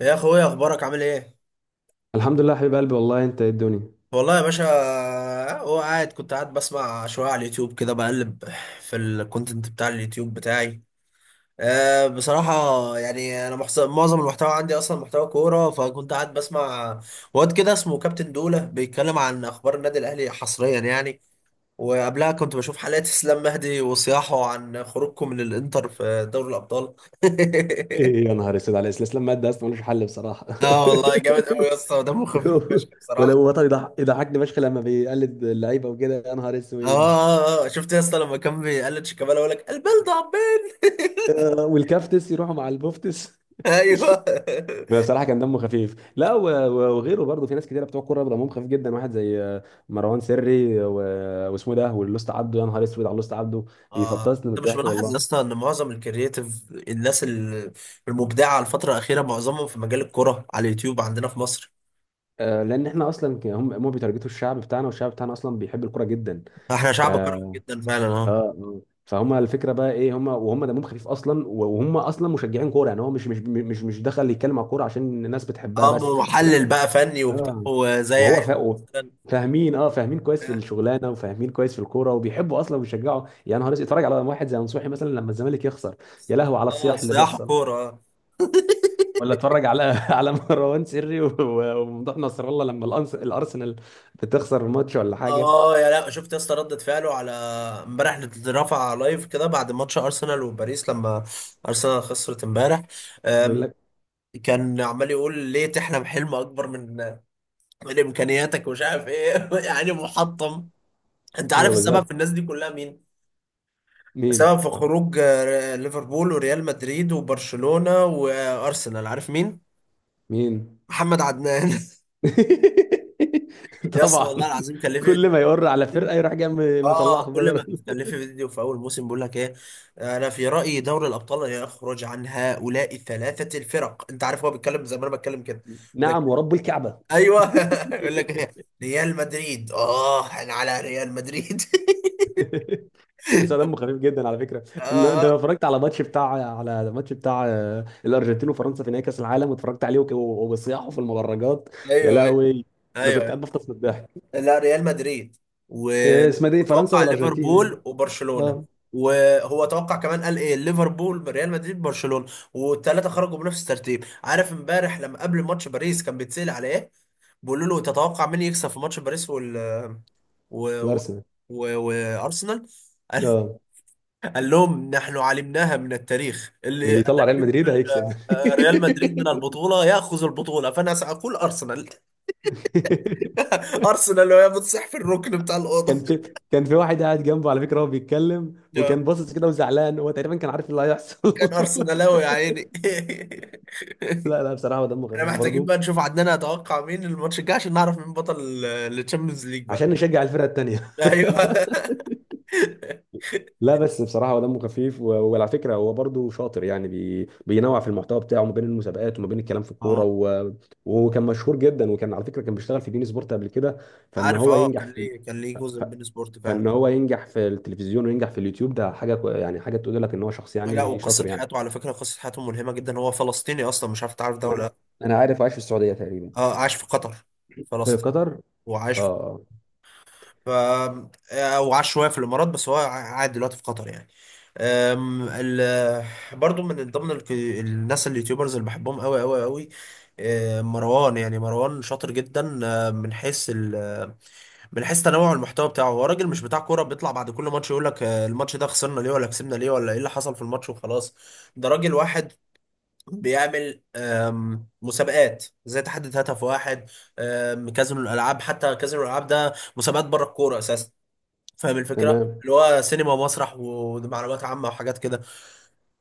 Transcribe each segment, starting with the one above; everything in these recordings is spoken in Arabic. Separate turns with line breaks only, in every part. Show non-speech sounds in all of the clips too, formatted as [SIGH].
يا اخويا، اخبارك عامل ايه؟
الحمد لله حبيب قلبي، والله انت ايه الدنيا!
والله يا باشا. هو قاعد كنت قاعد بسمع شويه على اليوتيوب كده، بقلب في الكونتنت بتاع اليوتيوب بتاعي. أه، بصراحه يعني انا معظم المحتوى عندي اصلا محتوى كوره، فكنت قاعد بسمع واد كده اسمه كابتن دوله بيتكلم عن اخبار النادي الاهلي حصريا يعني. وقبلها كنت بشوف حلقات اسلام مهدي وصياحه عن خروجكم من الانتر في دوري الابطال. [LAUGHS]
ايه يا نهار اسود على الاستسلام ماده اصلا ملوش حل بصراحه.
اه والله، جامد قوي يا اسطى، دمه خفيف
[LAUGHS]
فشخ.
ولو وطني يضحكني فشخ لما بيقلد اللعيبه وكده، يا نهار
اه،
اسود.
آه، آه. شفت يا اسطى لما كان بيقلد شيكابالا يقول لك البلد عبين؟ [LAUGHS]
والكافتس يروحوا مع البوفتس.
ايوه.
[LAUGHS] بصراحه كان دمه خفيف، لا وغيره برضه، في ناس كتيره بتوع كوره دمهم خفيف جدا. واحد زي مروان سري واسمه ده، واللوست عبده، يا نهار اسود على اللوست عبده،
اه،
بيفطسني من
انت مش
الضحك
ملاحظ يا
والله.
اسطى ان معظم الكرييتيف المبدعه الفتره الاخيره معظمهم في مجال الكره على اليوتيوب عندنا في مصر؟
لان احنا اصلا هم بيتارجتوا الشعب بتاعنا، والشعب بتاعنا اصلا بيحب الكوره جدا.
احنا
ف
شعب كروي جدا فعلا.
اه
اه،
اه فهم الفكره بقى ايه، هم وهم دمهم خفيف اصلا، وهم اصلا مشجعين كوره يعني. هو مش دخل يتكلم على الكوره عشان الناس بتحبها
اه،
بس. لا.
محلل بقى فني وبتاع
اه.
وزي
وهو
عيد مثلا.
فاهمين، اه فاهمين كويس في الشغلانه وفاهمين كويس في الكوره، وبيحبوا اصلا وبيشجعوا يعني. نهار أسود، اتفرج على واحد زي نصوحي مثلا لما الزمالك يخسر، يا لهو على
اه،
الصياح اللي
صياح
بيحصل.
كوره.
ولا اتفرج على [LAUGHS] على مروان سري وممدوح نصر الله لما الارسنال بتخسر الماتش ولا حاجه.
اه، يا لا، شفت يا اسطى ردة فعله على امبارح؟ رفع لايف كده بعد ماتش ارسنال وباريس لما ارسنال خسرت امبارح.
بيقول
أم،
لك.
كان عمال يقول ليه تحلم حلم اكبر من امكانياتك، ومش عارف ايه. [LAUGHS] يعني محطم. انت عارف
ايوه بالظبط.
السبب في الناس دي كلها مين؟
مين؟
السبب في خروج ليفربول وريال مدريد وبرشلونة وارسنال، عارف مين؟
مين؟
محمد عدنان.
[LAUGHS]
[LAUGHS] يا اسطى،
طبعا.
والله العظيم كان ليه
كل
فيديو.
ما يقر على فرقه يروح جاي
اه،
مطلعها
كل ما
بره.
بتكلفي فيديو في اول موسم، بيقول لك ايه؟ انا في رايي دوري الابطال يخرج عن هؤلاء الثلاثه الفرق، انت عارف هو بيتكلم زي ما انا بتكلم كده. يقول لك
نعم ورب الكعبه.
ايوه. [LAUGHS] يقول لك
[LAUGHS]
إيه؟ ريال مدريد. اه، انا على ريال مدريد. [LAUGHS]
بس دمه خفيف جدا على فكره.
اه،
انت
آه.
لو اتفرجت على ماتش بتاع على الماتش بتاع الارجنتين وفرنسا في نهائي كاس العالم، واتفرجت عليه وبصياحه في المدرجات، يا
ايوه، ايوه،
لهوي، انا كنت قاعد
ايوه.
بفطس من الضحك.
لا، ريال مدريد و-
اسمها دي فرنسا
وتوقع
والارجنتين يعني.
ليفربول وبرشلونة.
اه.
وهو توقع كمان، قال ايه؟ ليفربول، ريال مدريد، برشلونة. والثلاثة خرجوا بنفس الترتيب. عارف امبارح لما قبل ماتش باريس كان بيتسأل على ايه؟ بيقولوا له تتوقع مين يكسب في ماتش باريس وال و... و...
الارسنال.
و... وارسنال. [LAUGHS] قال،
اه
قال لهم: نحن علمناها من التاريخ، اللي
اللي يطلع
الذي
ريال مدريد
يخرج
هيكسب.
ريال مدريد من البطولة يأخذ البطولة، فأنا سأقول أرسنال.
[LAUGHS]
[LAUGHS] أرسنال، وهي بتصح في الركن بتاع
كان
الأوضة.
في، كان في واحد قاعد جنبه على فكره، هو بيتكلم وكان باصص كده وزعلان، هو تقريبا كان عارف إيه اللي هيحصل.
كان ارسنالاوي يا عيني. [LAUGHS]
[LAUGHS] لا لا، بصراحه هو دمه
احنا
خفيف
محتاجين
برضه.
بقى نشوف عندنا اتوقع مين الماتش الجاي، عشان نعرف مين بطل التشامبيونز ليج بقى.
عشان نشجع الفرقه التانيه. [LAUGHS]
ايوه. [LAUGHS]
لا بس بصراحه هو دمه خفيف وعلى فكره هو برضه شاطر يعني، بي... بينوع في المحتوى بتاعه ما بين المسابقات وما بين الكلام في الكوره.
اه،
و... وكان مشهور جدا، وكان على فكره كان بيشتغل في بين سبورت قبل كده. فان
عارف،
هو
اه
ينجح
كان
في
ليه كان ليه جزء
ف...
من بين سبورت فعلا.
فان هو ينجح في التلفزيون وينجح في اليوتيوب، ده حاجه يعني حاجه تقول لك ان هو شخص
لا،
يعني
وقصه
شاطر يعني.
حياته على فكره قصه حياته ملهمه جدا. هو فلسطيني اصلا، مش عارف تعرف ده
ما
ولا
انا،
لا.
انا عارف. عايش في السعوديه تقريبا.
اه، عاش في قطر،
في
فلسطين،
قطر.
وعاش
اه
في
آه.
ف او عاش شويه في الامارات، بس هو قاعد دلوقتي في قطر يعني. أم، ال... [LAUGHS] برضو من ضمن الناس اليوتيوبرز اللي بحبهم قوي قوي قوي، مروان. يعني مروان شاطر جدا. أه، من حيث ال... من حيث تنوع المحتوى بتاعه، هو راجل مش بتاع كوره بيطلع بعد كل ماتش يقول لك أه الماتش ده خسرنا ليه ولا كسبنا ليه ولا ايه اللي حصل في الماتش وخلاص. ده راجل واحد بيعمل مسابقات زي تحدي هدف واحد. كازينو الالعاب، حتى كازينو الالعاب ده مسابقات بره الكوره اساسا. فاهم الفكره؟
تمام.
اللي هو سينما ومسرح ومعلومات عامه وحاجات كده.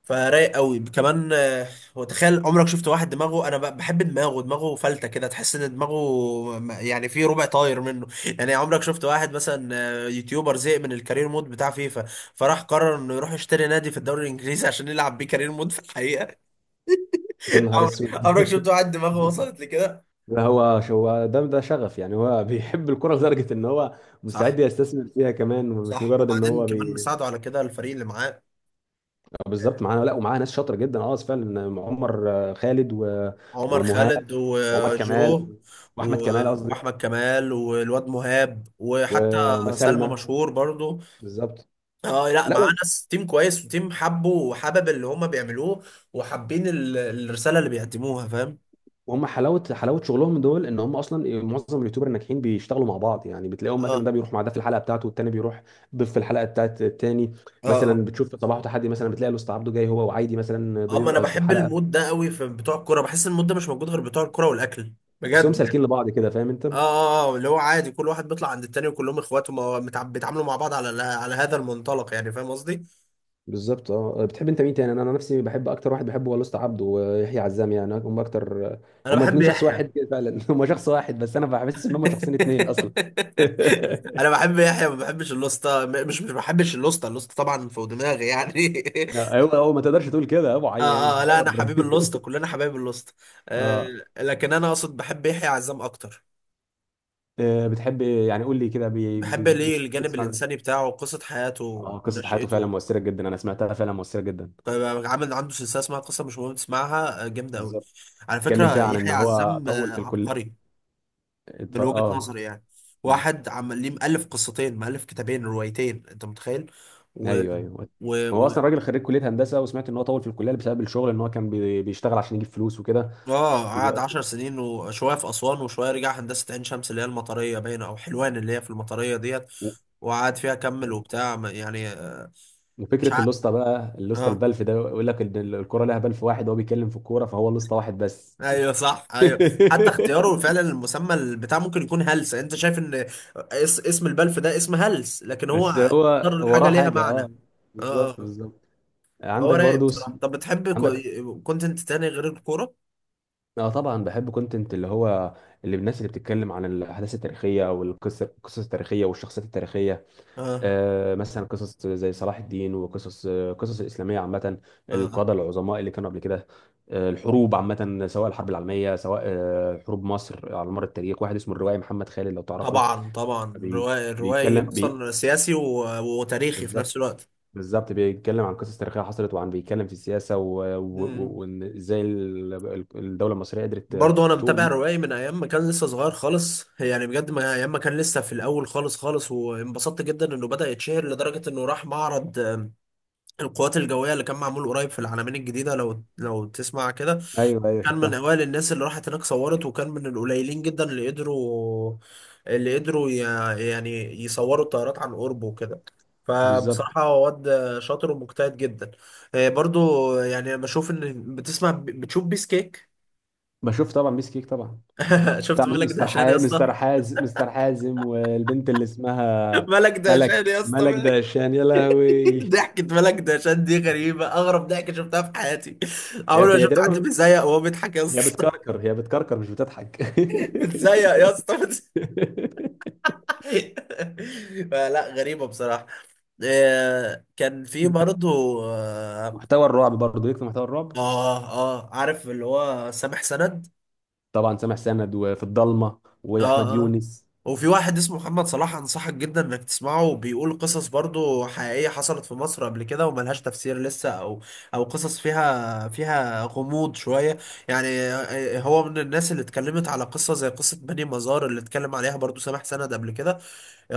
فرايق قوي كمان. وتخيل عمرك شفت واحد دماغه؟ انا بحب دماغه فلته كده، تحس ان دماغه يعني في ربع طاير منه. يعني عمرك شفت واحد مثلا، يوتيوبر زهق من الكارير مود بتاع فيفا، فراح قرر انه يروح يشتري نادي في الدوري الانجليزي [LAUGHS] عشان يلعب بيه كارير مود في الحقيقه؟
يا
[LAUGHS]
نهار
عمرك
اسود.
عمرك
[LAUGHS]
شفت واحد دماغه وصلت لكده؟
ده هو، هو ده، ده شغف يعني، هو بيحب الكرة لدرجة ان هو
صح.
مستعد يستثمر فيها كمان، مش
صح،
مجرد ان
وبعدين
هو
كمان
بي.
مساعده على كده الفريق اللي معاه.
بالظبط، معانا. لا ومعاه ناس شاطرة جدا، اه فعلا، عمر خالد. و...
عمر
ومهاب،
خالد،
وعمر
وجو،
كمال، واحمد كمال قصدي.
واحمد كمال، والواد مهاب، وحتى سلمى
ومسالمة.
مشهور برضو.
بالظبط.
اه، لا، معاه
لا،
ناس تيم كويس وتيم حبه، وحبب اللي هما بيعملوه، وحابين الرساله اللي بيقدموها، فاهم؟
وهم حلاوه حلاوه شغلهم دول، ان هم اصلا معظم اليوتيوبر الناجحين بيشتغلوا مع بعض يعني. بتلاقيهم
اه،
مثلا، ده بيروح مع ده في الحلقه بتاعته، والتاني بيروح ضيف في الحلقه بتاعت التاني.
اه، اه،
مثلا بتشوف صباح وتحدي، مثلا بتلاقي الاستاذ عبده جاي هو وعايدي مثلا
اه.
ضيف
ما انا
في
بحب
حلقه.
المود ده قوي في بتوع الكوره، بحس المود ده مش موجود غير بتوع الكوره والاكل،
تحسهم
بجد.
سالكين لبعض كده، فاهم انت.
اه، اه، اه، اللي هو عادي كل واحد بيطلع عند التاني، وكلهم اخوات، وما- متع- بيتعاملوا مع بعض على على هذا المنطلق يعني، فاهم قصدي؟
بالظبط. اه، بتحب انت مين تاني؟ أنا نفسي بحب، اكتر واحد بحبه هو الاستاذ عبده ويحيى عزام يعني، هم اكتر.
انا
هم
بحب
اتنين شخص
يحيى.
واحد كده فعلا، [LAUGHS] هم شخص واحد بس انا بحس ان هم شخصين اتنين اصلا.
[LAUGHS] انا
[LAUGHS]
بحب يحيى، ما بحبش اللوسته، مش بحبش اللوسته، اللوسته طبعا فوق دماغي يعني. [LAUGHS]
ايوه، هو ما تقدرش تقول كده يا ابو عي،
اه،
انت
اه، لا،
حر.
انا حبيب
[LAUGHS]
اللوسته، كلنا حبايب اللوسته. آه،
اه.
لكن انا اقصد بحب يحيى عزام اكتر.
بتحب يعني، قول لي كده
بحب ليه
بتحب
الجانب
تسمع له
الانساني
إيه؟
بتاعه، قصه حياته
اه، قصة حياته فعلا
ونشأته.
مؤثرة جدا، انا سمعتها فعلا مؤثرة جدا.
طيب، عامل عنده سلسله اسمها قصه، مش مهم تسمعها، جامده قوي.
بالظبط.
على
بتتكلم فيها
فكره
عن ان
يحيى
هو
عزام
طول في الكلية.
عبقري من وجهه
اه.
نظري يعني.
مم.
واحد عمال ليه مؤلف قصتين، مؤلف كتابين روايتين، انت متخيل؟ و...
ايوه ايوه.
و...
هو
و...
اصلا راجل خريج كلية هندسة، وسمعت ان هو طول في الكلية بسبب الشغل، ان هو كان بيشتغل عشان يجيب فلوس وكده.
اه،
و...
قعد 10 سنين وشوية في أسوان، وشوية رجع هندسة عين شمس اللي هي المطرية باينة، أو حلوان اللي هي في المطرية ديت،
و...
وقعد فيها كمل
مم.
وبتاع يعني مش
وفكرة
عارف.
اللوسته بقى، اللوسته
اه،
البلف ده، يقول لك ان الكورة لها بلف واحد، وهو بيتكلم في الكورة فهو اللوسته واحد بس.
ايوه صح، ايوه. حتى اختياره
[LAUGHS]
فعلا المسمى البتاع، ممكن يكون هلس، انت شايف ان اس اسم البلف ده اسم هلس، لكن هو
بس هو
اختار الحاجة
وراه
ليها
حاجة،
معنى.
اه، بالظبط
اه.
بالظبط.
هو
عندك
رايق
برضو.
بصراحة. طب بتحب
عندك.
كونتنت تاني غير الكورة؟
اه طبعا، بحب كونتنت اللي هو، اللي الناس اللي بتتكلم عن الاحداث التاريخيه او القصص التاريخيه والشخصيات التاريخيه.
اه،
آه مثلا قصص زي صلاح الدين، وقصص قصص الاسلاميه عامه،
اه، آه.
القاده العظماء اللي كانوا قبل كده. آه الحروب عامه، سواء الحرب العالميه، سواء آه حروب مصر على مر التاريخ. واحد اسمه الروائي محمد خالد لو تعرفه.
طبعا طبعا
بي
روائي، الروائي
بيتكلم بي
اصلا سياسي وتاريخي في
بالظبط.
نفس الوقت.
بالظبط، بيتكلم عن قصص تاريخيه حصلت، وعن، بيتكلم في السياسه
مم.
وان ازاي الدوله المصريه قدرت
برضه انا متابع
تقوم.
روائي من ايام ما كان لسه صغير خالص يعني، بجد ما ايام ما كان لسه في الاول خالص خالص، وانبسطت جدا انه بدأ يتشهر لدرجة انه راح معرض القوات الجوية اللي كان معمول قريب في العلمين الجديدة، لو تسمع كده.
ايوه ايوه
كان من
شفتها.
اوائل الناس اللي راحت هناك صورت، وكان من القليلين جدا اللي قدروا، اللي قدروا يعني يصوروا الطيارات عن قرب وكده.
بالظبط.
فبصراحة هو واد شاطر ومجتهد جدا. برضو يعني، انا بشوف ان بتسمع بتشوف بيس كيك.
بشوف طبعا، ميس كيك طبعا.
[LAUGHS]
بتاع
شفت ملك
مستر
دهشان يا
حازم
اسطى؟
مستر حازم مستر حازم، والبنت اللي
[LAUGHS]
اسمها،
ملك دهشان يا اسطى،
ملك
ملك.
دهشان. يا لهوي.
[LAUGHS]
هي،
ضحكة ملك دهشان دي غريبة، اغرب ضحكة شفتها في حياتي.
هي
عمري ما شفت حد
تقريبا،
بيزيق وهو بيضحك يا
هي
اسطى.
بتكركر هي بتكركر مش بتضحك.
[LAUGHS]
[LAUGHS]
بتزيق يا اسطى، بتزيق. [LAUGHS] فلا، غريبة بصراحة. كان في برضه، اه،
محتوى الرعب برضه، ليك في محتوى الرعب؟
اه، عارف اللي هو سامح سند؟
طبعا سامح سند، وفي الضلمه، واحمد
اه. اه،
يونس.
وفي واحد اسمه محمد صلاح، انصحك جدا انك تسمعه، بيقول قصص برضه حقيقية حصلت في مصر قبل كده وملهاش تفسير لسه، او او قصص فيها فيها غموض شوية يعني. هو من الناس اللي اتكلمت على قصة زي قصة بني مزار اللي اتكلم عليها برضه سامح سند قبل كده.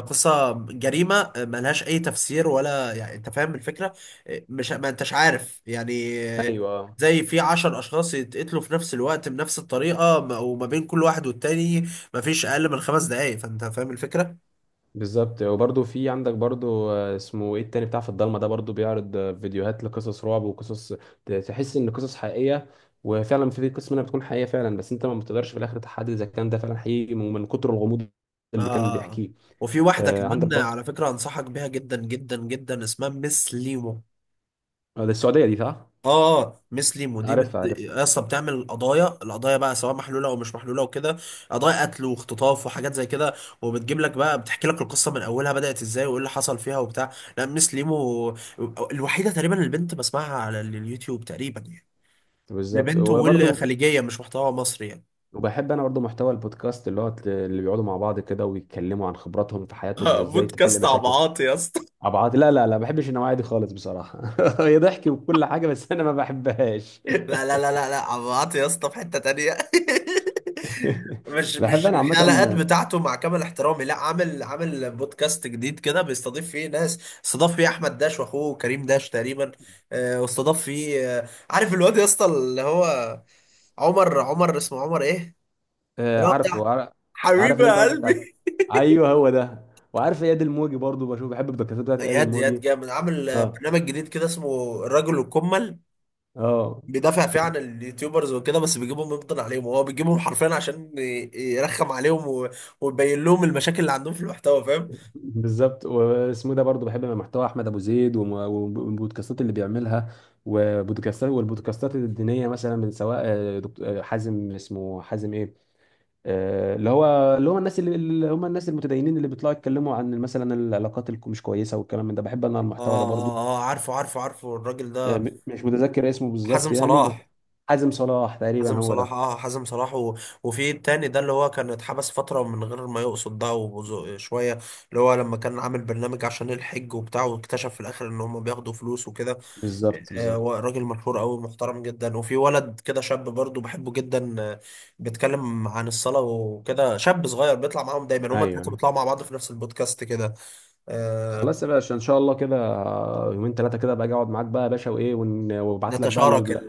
قصة جريمة ملهاش أي تفسير، ولا يعني، أنت فاهم الفكرة؟ مش ما أنتش عارف يعني؟
ايوه.
زي في 10 أشخاص يتقتلوا في نفس الوقت بنفس الطريقة، وما بين كل واحد والتاني مفيش أقل من 5 دقايق، فأنت فاهم الفكرة؟
بالظبط. وبرضه في عندك برضه اسمه ايه، التاني بتاع في الضلمه ده، برضه بيعرض فيديوهات لقصص رعب وقصص تحس ان قصص حقيقيه، وفعلا في قسم منها بتكون حقيقيه فعلا، بس انت ما بتقدرش في الاخر تحدد اذا كان ده فعلا حقيقي من كتر الغموض اللي كان
آه.
بيحكيه.
وفي واحدة
عندك
كمان
برضه
على فكرة، أنصحك بيها جدا جدا جدا، اسمها مس ليمو.
ده السعوديه دي صح؟
اه، مسلم، ودي
عارفها عارفها.
اصلا بتعمل قضايا، القضايا بقى سواء محلوله او مش محلوله وكده، قضايا قتل واختطاف وحاجات زي كده. وبتجيب لك بقى بتحكي لك القصه من اولها، بدات ازاي وايه اللي حصل فيها وبتاع. لا، مس ليمو الوحيده تقريبا البنت بسمعها على اليوتيوب تقريبا يعني،
بالظبط.
لبنت
وبرضه
والخليجيه مش محتوى مصري يعني.
وبحب انا برضه محتوى البودكاست، اللي هو اللي بيقعدوا مع بعض كده ويتكلموا عن خبراتهم في حياتهم
[LAUGHS]
وازاي تحل
بودكاست
مشاكل.
عبعاط يا اسطى.
عبعاطي لا لا لا، ما بحبش النوعية دي خالص بصراحة. [LAUGHS] هي ضحك وكل حاجة بس أنا ما بحبهاش.
[LAUGHS] لا لا
[LAUGHS]
لا لا لا، عمرو يا اسطى في حتة تانية. [LAUGHS] مش
بحب
مش
أنا عامة.
الحلقات بتاعته مع كامل احترامي. لا، عامل عامل بودكاست جديد كده بيستضيف فيه ناس، استضاف فيه احمد داش واخوه كريم داش تقريبا، واستضاف فيه عارف الواد يا اسطى اللي هو عمر، عمر اسمه عمر ايه،
آه،
اللي هو بتاع
عارفه عار- عارف
حبيبي
اللي أنت
يا
قصدك عليه.
قلبي. [LAUGHS]
أيوه هو ده. وعارف إياد الموجي برضو، بشوف، بحب الدكاترة بتاعت إياد
اياد، اياد
الموجي.
جامد عامل
أه.
برنامج جديد كده اسمه الرجل الكمل،
أه.
بيدافع فيه
شفت.
عن اليوتيوبرز وكده، بس بيجيبهم يفضل عليهم، هو بيجيبهم حرفيا عشان يرخم عليهم، ويبين لهم المشاكل اللي عندهم في المحتوى، فاهم.
بالظبط. واسمه ده برضو، بحب محتوى أحمد أبو زيد والبودكاستات اللي بيعملها. والبودكاستات الدينية مثلا، من سواء دكتور حازم، اسمه حازم إيه، آه، اللي هو اللي هم الناس اللي هم الناس المتدينين اللي بيطلعوا يتكلموا عن مثلا العلاقات اللي مش كويسه والكلام من ده، بحب انا
اه،
المحتوى ده برضو.
اه، اه، عارفه عارفه عارفه الراجل ده،
مش متذكر اسمه بالظبط
حازم
يعني بس،
صلاح.
حازم صلاح تقريبا
حازم
هو
صلاح،
ده.
اه حازم صلاح وفي التاني ده اللي هو كان اتحبس فترة من غير ما يقصد ده، وشوية اللي هو لما كان عامل برنامج عشان الحج وبتاع، واكتشف في الآخر إن هم بياخدوا فلوس وكده.
بالظبط بالظبط.
هو راجل مشهور قوي، محترم جدا. وفي ولد كده شاب برضو بحبه جدا، بيتكلم عن الصلاة وكده، شاب صغير بيطلع معاهم دايما، هما التلاتة
ايوه.
بيطلعوا مع بعض في نفس البودكاست كده. آه،
خلاص يا باشا، ان شاء الله كده يومين ثلاثه كده باجي اقعد معاك بقى يا باشا، وابعت لك بقى
نتشارك ال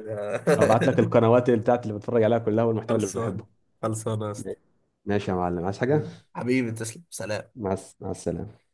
ابعت لك القنوات اللي بتاعت، اللي بتفرج عليها كلها
[LAUGHS]
والمحتوى اللي
خلصانة.
بحبه.
خلصانة يا اسطى.
ماشي يا معلم، عايز حاجه؟
حبيبي، تسلم، سلام.
مع السلامه.